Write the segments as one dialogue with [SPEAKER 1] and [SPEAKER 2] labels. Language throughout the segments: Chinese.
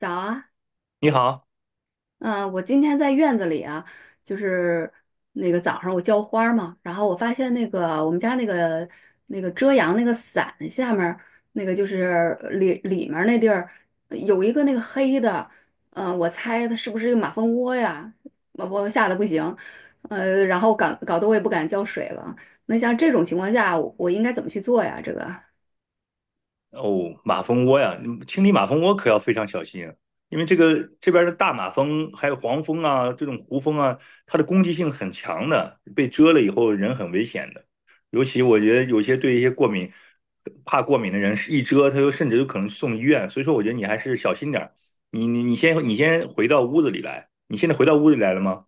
[SPEAKER 1] 早啊，
[SPEAKER 2] 你好。
[SPEAKER 1] 嗯，我今天在院子里啊，就是那个早上我浇花儿嘛，然后我发现那个我们家那个那个遮阳那个伞下面儿那个就是里面儿那地儿有一个那个黑的，我猜它是不是一个马蜂窝呀？我吓得不行，然后搞得我也不敢浇水了。那像这种情况下，我应该怎么去做呀？这个？
[SPEAKER 2] 哦，马蜂窝呀，你清理马蜂窝可要非常小心啊。因为这个这边的大马蜂还有黄蜂啊，这种胡蜂啊，它的攻击性很强的，被蛰了以后人很危险的。尤其我觉得有些对一些过敏、怕过敏的人，是一蛰他就甚至有可能送医院。所以说，我觉得你还是小心点儿。你先回到屋子里来，你现在回到屋子里来了吗？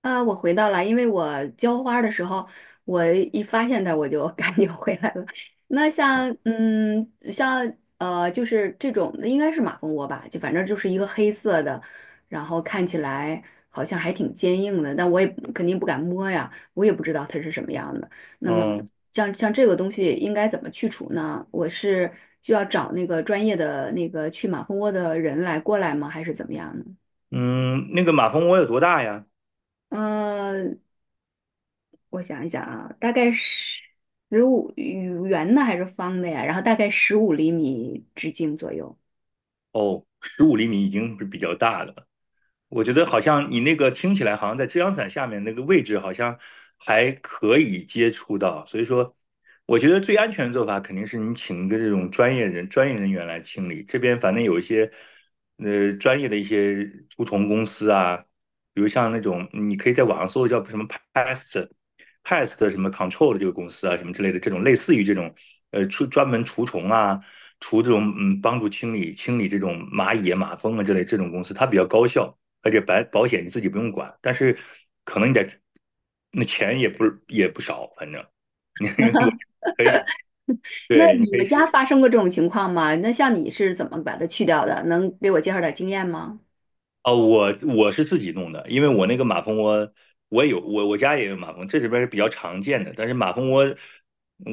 [SPEAKER 1] 啊，我回到了，因为我浇花儿的时候，我一发现它，我就 赶紧回来了。那像，就是这种应该是马蜂窝吧，就反正就是一个黑色的，然后看起来好像还挺坚硬的，但我也肯定不敢摸呀，我也不知道它是什么样的。那么
[SPEAKER 2] 嗯
[SPEAKER 1] 像这个东西应该怎么去除呢？我是需要找那个专业的那个去马蜂窝的人来过来吗？还是怎么样呢？
[SPEAKER 2] 嗯，那个马蜂窝有多大呀？
[SPEAKER 1] 嗯，我想一想啊，大概十五圆的还是方的呀？然后大概15厘米直径左右。
[SPEAKER 2] 哦，15厘米已经是比较大的了。我觉得好像你那个听起来好像在遮阳伞下面那个位置好像还可以接触到，所以说我觉得最安全的做法肯定是你请一个这种专业人员来清理。这边反正有一些专业的一些除虫公司啊，比如像那种你可以在网上搜叫什么 pest pest 什么 control 的这个公司啊，什么之类的这种类似于这种专门除虫啊。除这种帮助清理清理这种蚂蚁啊马蜂啊之类这种公司，它比较高效。而且保险你自己不用管，但是可能你得那钱也不少，反正你 我可以，
[SPEAKER 1] 那
[SPEAKER 2] 对，你
[SPEAKER 1] 你
[SPEAKER 2] 可以
[SPEAKER 1] 们
[SPEAKER 2] 试
[SPEAKER 1] 家
[SPEAKER 2] 试。
[SPEAKER 1] 发生过这种情况吗？那像你是怎么把它去掉的？能给我介绍点经验吗？
[SPEAKER 2] 哦，我是自己弄的，因为我那个马蜂窝，我家也有马蜂，这里边是比较常见的。但是马蜂窝，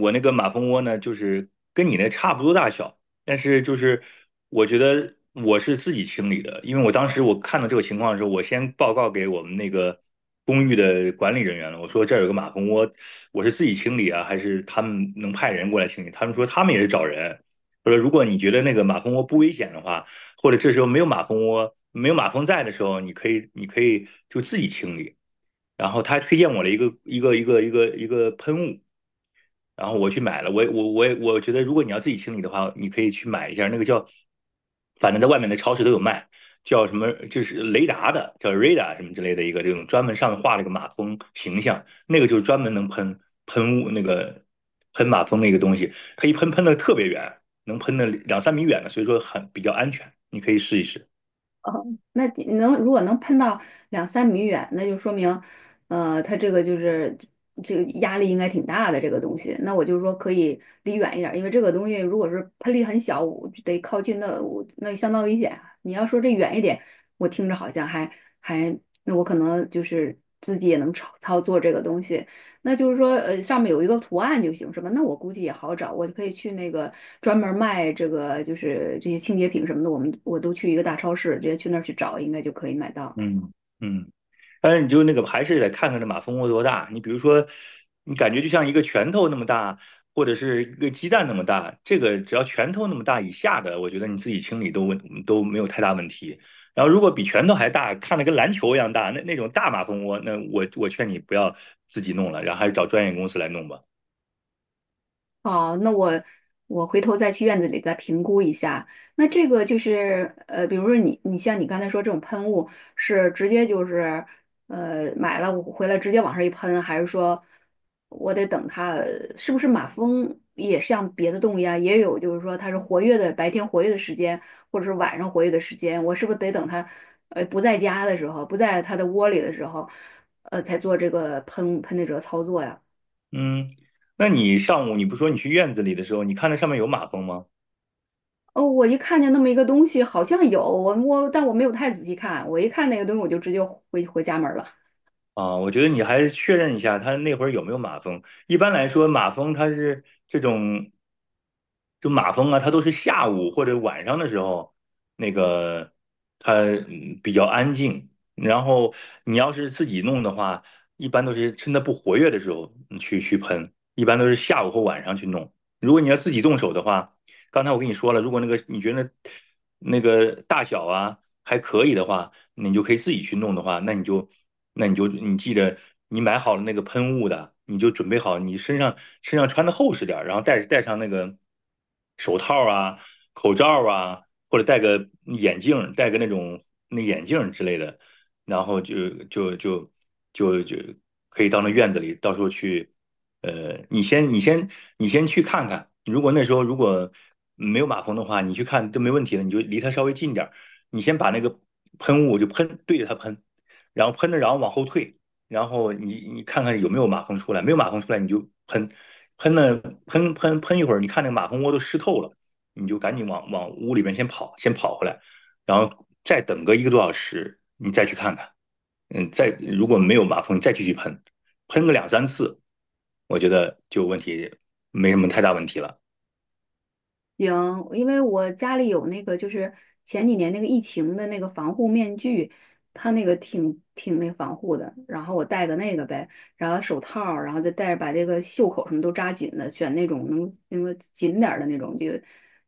[SPEAKER 2] 我那个马蜂窝呢，就是跟你那差不多大小，但是就是我觉得我是自己清理的，因为我当时我看到这个情况的时候，我先报告给我们那个公寓的管理人员了，我说这儿有个马蜂窝，我是自己清理啊，还是他们能派人过来清理？他们说他们也是找人，他说如果你觉得那个马蜂窝不危险的话。或者这时候没有马蜂窝、没有马蜂在的时候，你可以就自己清理。然后他还推荐我了一个喷雾，然后我去买了，我觉得，如果你要自己清理的话，你可以去买一下那个叫，反正在外面的超市都有卖，叫什么就是雷达的，叫 r 达什么之类的一个这种专门上面画了个马蜂形象，那个就是专门能喷喷雾那个喷马蜂那个东西，它一喷喷的特别远，能喷的两三米远的，所以说很比较安全，你可以试一试。
[SPEAKER 1] 嗯那你能如果能喷到两三米远，那就说明，它这个就是这个压力应该挺大的这个东西。那我就说可以离远一点儿，因为这个东西如果是喷力很小，我就得靠近那我那相当危险啊你要说这远一点，我听着好像还还，那我可能就是自己也能操作这个东西，那就是说，上面有一个图案就行，是吧？那我估计也好找，我就可以去那个专门卖这个，就是这些清洁品什么的，我都去一个大超市，直接去那儿去找，应该就可以买到。
[SPEAKER 2] 嗯嗯，但是你就那个还是得看看这马蜂窝多大。你比如说，你感觉就像一个拳头那么大，或者是一个鸡蛋那么大，这个只要拳头那么大以下的，我觉得你自己清理都没有太大问题。然后如果比拳头还大，看得跟篮球一样大，那种大马蜂窝，那我劝你不要自己弄了，然后还是找专业公司来弄吧。
[SPEAKER 1] 好，那我回头再去院子里再评估一下。那这个就是比如说你像你刚才说这种喷雾是直接就是买了我回来直接往上一喷，还是说我得等它是不是马蜂也像别的动物一样，也有就是说它是活跃的白天活跃的时间，或者是晚上活跃的时间，我是不是得等它不在家的时候，不在它的窝里的时候，才做这个喷的这个操作呀？
[SPEAKER 2] 嗯，那你上午你不说你去院子里的时候，你看那上面有马蜂吗？
[SPEAKER 1] 哦，我一看见那么一个东西，好像有我，但我没有太仔细看。我一看那个东西，我就直接回家门儿了。
[SPEAKER 2] 啊，我觉得你还是确认一下他那会儿有没有马蜂。一般来说，马蜂它是这种，就马蜂啊，它都是下午或者晚上的时候，那个它比较安静。然后你要是自己弄的话，一般都是趁它不活跃的时候去喷，一般都是下午或晚上去弄。如果你要自己动手的话，刚才我跟你说了，如果那个你觉得那个大小啊还可以的话。你就可以自己去弄的话，那你就你记得你买好了那个喷雾的，你就准备好你身上穿的厚实点儿，然后戴上那个手套啊、口罩啊，或者戴个眼镜，戴个那眼镜之类的。然后就可以到那院子里，到时候去，呃，你先你先你先去看看，如果那时候没有马蜂的话，你去看都没问题的，你就离它稍微近点，你先把那个喷雾就喷对着它喷，然后喷着，然后往后退，然后你看看有没有马蜂出来，没有马蜂出来你就喷，喷了喷喷喷一会儿，你看那个马蜂窝都湿透了，你就赶紧往屋里面先跑回来，然后再等个一个多小时，你再去看看，再如果没有马蜂，你再继续喷，喷个两三次，我觉得就问题没什么太大问题了。
[SPEAKER 1] 行，因为我家里有那个，就是前几年那个疫情的那个防护面具，它那个挺那防护的，然后我戴的那个呗，然后手套儿然后再戴着把这个袖口什么都扎紧的，选那种能那个紧点儿的那种，就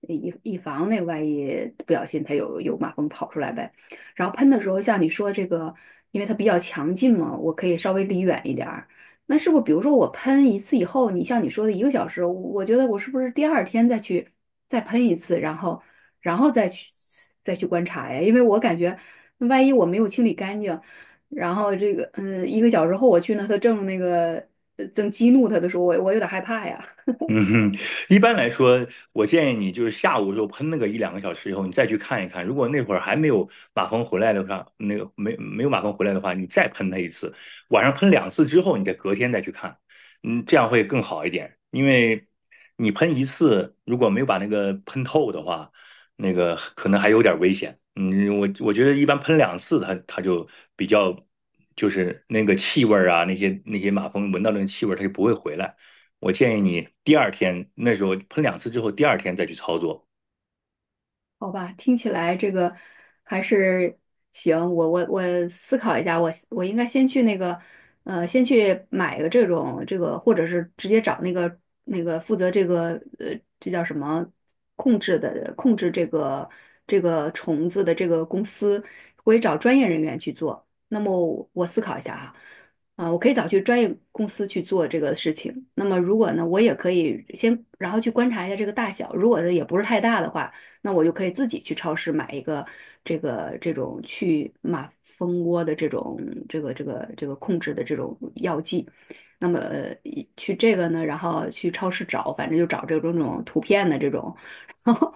[SPEAKER 1] 以防那个万一不小心它有马蜂跑出来呗。然后喷的时候，像你说这个，因为它比较强劲嘛，我可以稍微离远一点儿，那是不是比如说我喷一次以后，你像你说的一个小时，我觉得我是不是第二天再去再喷一次，然后再去观察呀？因为我感觉万一我没有清理干净，然后这个一个小时后我去呢，它正那个呃正激怒它的时候，我有点害怕呀。
[SPEAKER 2] 嗯哼，一般来说，我建议你就是下午就喷那个一两个小时以后，你再去看一看。如果那会儿还没有马蜂回来的话，没有马蜂回来的话，你再喷它一次，晚上喷两次之后，你再隔天再去看，嗯，这样会更好一点。因为你喷一次，如果没有把那个喷透的话，那个可能还有点危险。嗯，我觉得一般喷两次它就比较就是那个气味儿啊，那些马蜂闻到那个气味儿，它就不会回来。我建议你第二天那时候喷两次之后，第二天再去操作。
[SPEAKER 1] 好吧，听起来这个还是行。我思考一下，我应该先去那个，先去买个这种这个，或者是直接找那个那个负责这个这叫什么控制的控制这个虫子的这个公司，我也找专业人员去做。那么我思考一下哈，啊，我可以找去专业公司去做这个事情。那么如果呢，我也可以先然后去观察一下这个大小，如果呢也不是太大的话。那我就可以自己去超市买一个这个这种去马蜂窝的这种这个控制的这种药剂。那么一去这个呢，然后去超市找，反正就找这种图片的这种，然后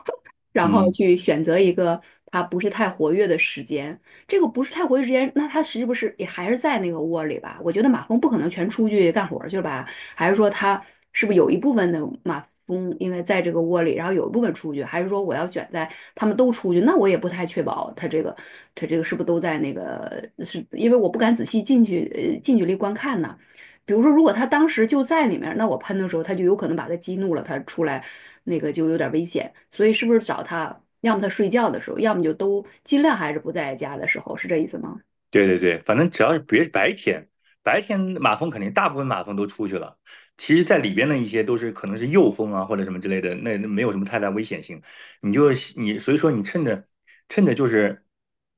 [SPEAKER 1] 然后
[SPEAKER 2] 嗯，
[SPEAKER 1] 去选择一个它不是太活跃的时间。这个不是太活跃时间，那它是不是也还是在那个窝里吧？我觉得马蜂不可能全出去干活儿去了吧？还是说它是不是有一部分的马蜂应该在这个窝里，然后有一部分出去？还是说我要选在它们都出去？那我也不太确保它这个是不是都在那个，是因为我不敢仔细进去近距离观看呢。比如说，如果它当时就在里面那我喷的时候，它就有可能把它激怒了，它出来那个就有点危险。所以是不是找他，要么他睡觉的时候，要么就都尽量还是不在家的时候，是这意思吗？
[SPEAKER 2] 对对对，反正只要是别是白天，白天马蜂肯定大部分马蜂都出去了。其实，在里边的一些都是可能是幼蜂啊或者什么之类的，那没有什么太大危险性。你就你所以说你趁着就是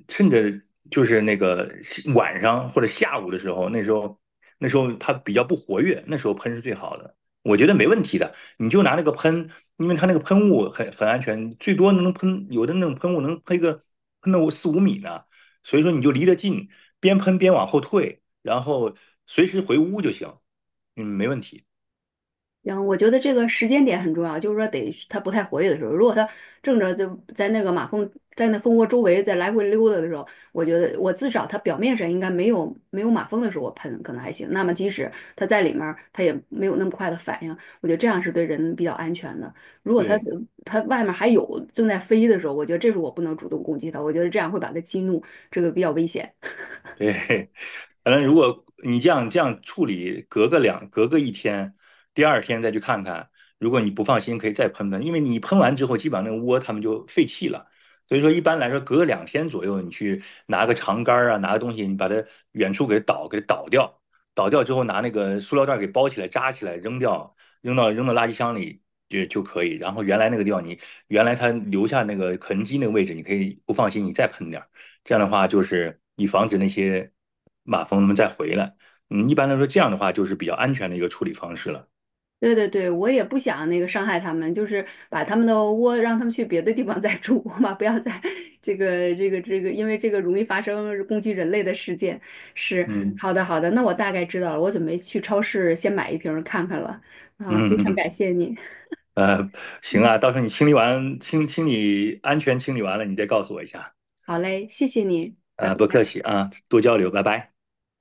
[SPEAKER 2] 趁着那个晚上或者下午的时候，那时候它比较不活跃，那时候喷是最好的。我觉得没问题的，你就拿那个喷，因为它那个喷雾很安全，最多能喷有的那种喷雾能喷个喷到四五米呢。所以说你就离得近，边喷边往后退，然后随时回屋就行，没问题。
[SPEAKER 1] 然后我觉得这个时间点很重要，就是说得它不太活跃的时候，如果它正着就在那个马蜂在那蜂窝周围在来回溜达的时候，我觉得我至少它表面上应该没有马蜂的时候我喷可能还行，那么即使它在里面儿，它也没有那么快的反应，我觉得这样是对人比较安全的。如果它
[SPEAKER 2] 对。
[SPEAKER 1] 它外面还有正在飞的时候，我觉得这时候我不能主动攻击它，我觉得这样会把它激怒，这个比较危险。
[SPEAKER 2] 对，反正如果你这样处理，隔个一天，第二天再去看看。如果你不放心，可以再喷喷，因为你喷完之后，基本上那个窝它们就废弃了。所以说，一般来说，隔个2天左右，你去拿个长杆儿啊，拿个东西，你把它远处给倒掉，倒掉之后，拿那个塑料袋儿给包起来，扎起来，扔掉，扔到垃圾箱里就可以。然后原来它留下那个痕迹那个位置，你可以不放心，你再喷点儿。这样的话，就是以防止那些马蜂们再回来。一般来说，这样的话就是比较安全的一个处理方式了。
[SPEAKER 1] 对对对，我也不想那个伤害他们，就是把他们的窝让他们去别的地方再住 嘛，不要在 这个，因为这个容易发生攻击人类的事件。是，
[SPEAKER 2] 嗯
[SPEAKER 1] 好的好的，那我大概知道了，我准备去超市先买一瓶儿看看了。啊，非常
[SPEAKER 2] 嗯
[SPEAKER 1] 感谢你，
[SPEAKER 2] 呃，行
[SPEAKER 1] 嗯，
[SPEAKER 2] 啊，到时候你清理完清清理安全清理完了，你再告诉我一下。
[SPEAKER 1] 好嘞，谢谢你，拜
[SPEAKER 2] 不客
[SPEAKER 1] 拜。
[SPEAKER 2] 气啊，多交流，拜拜。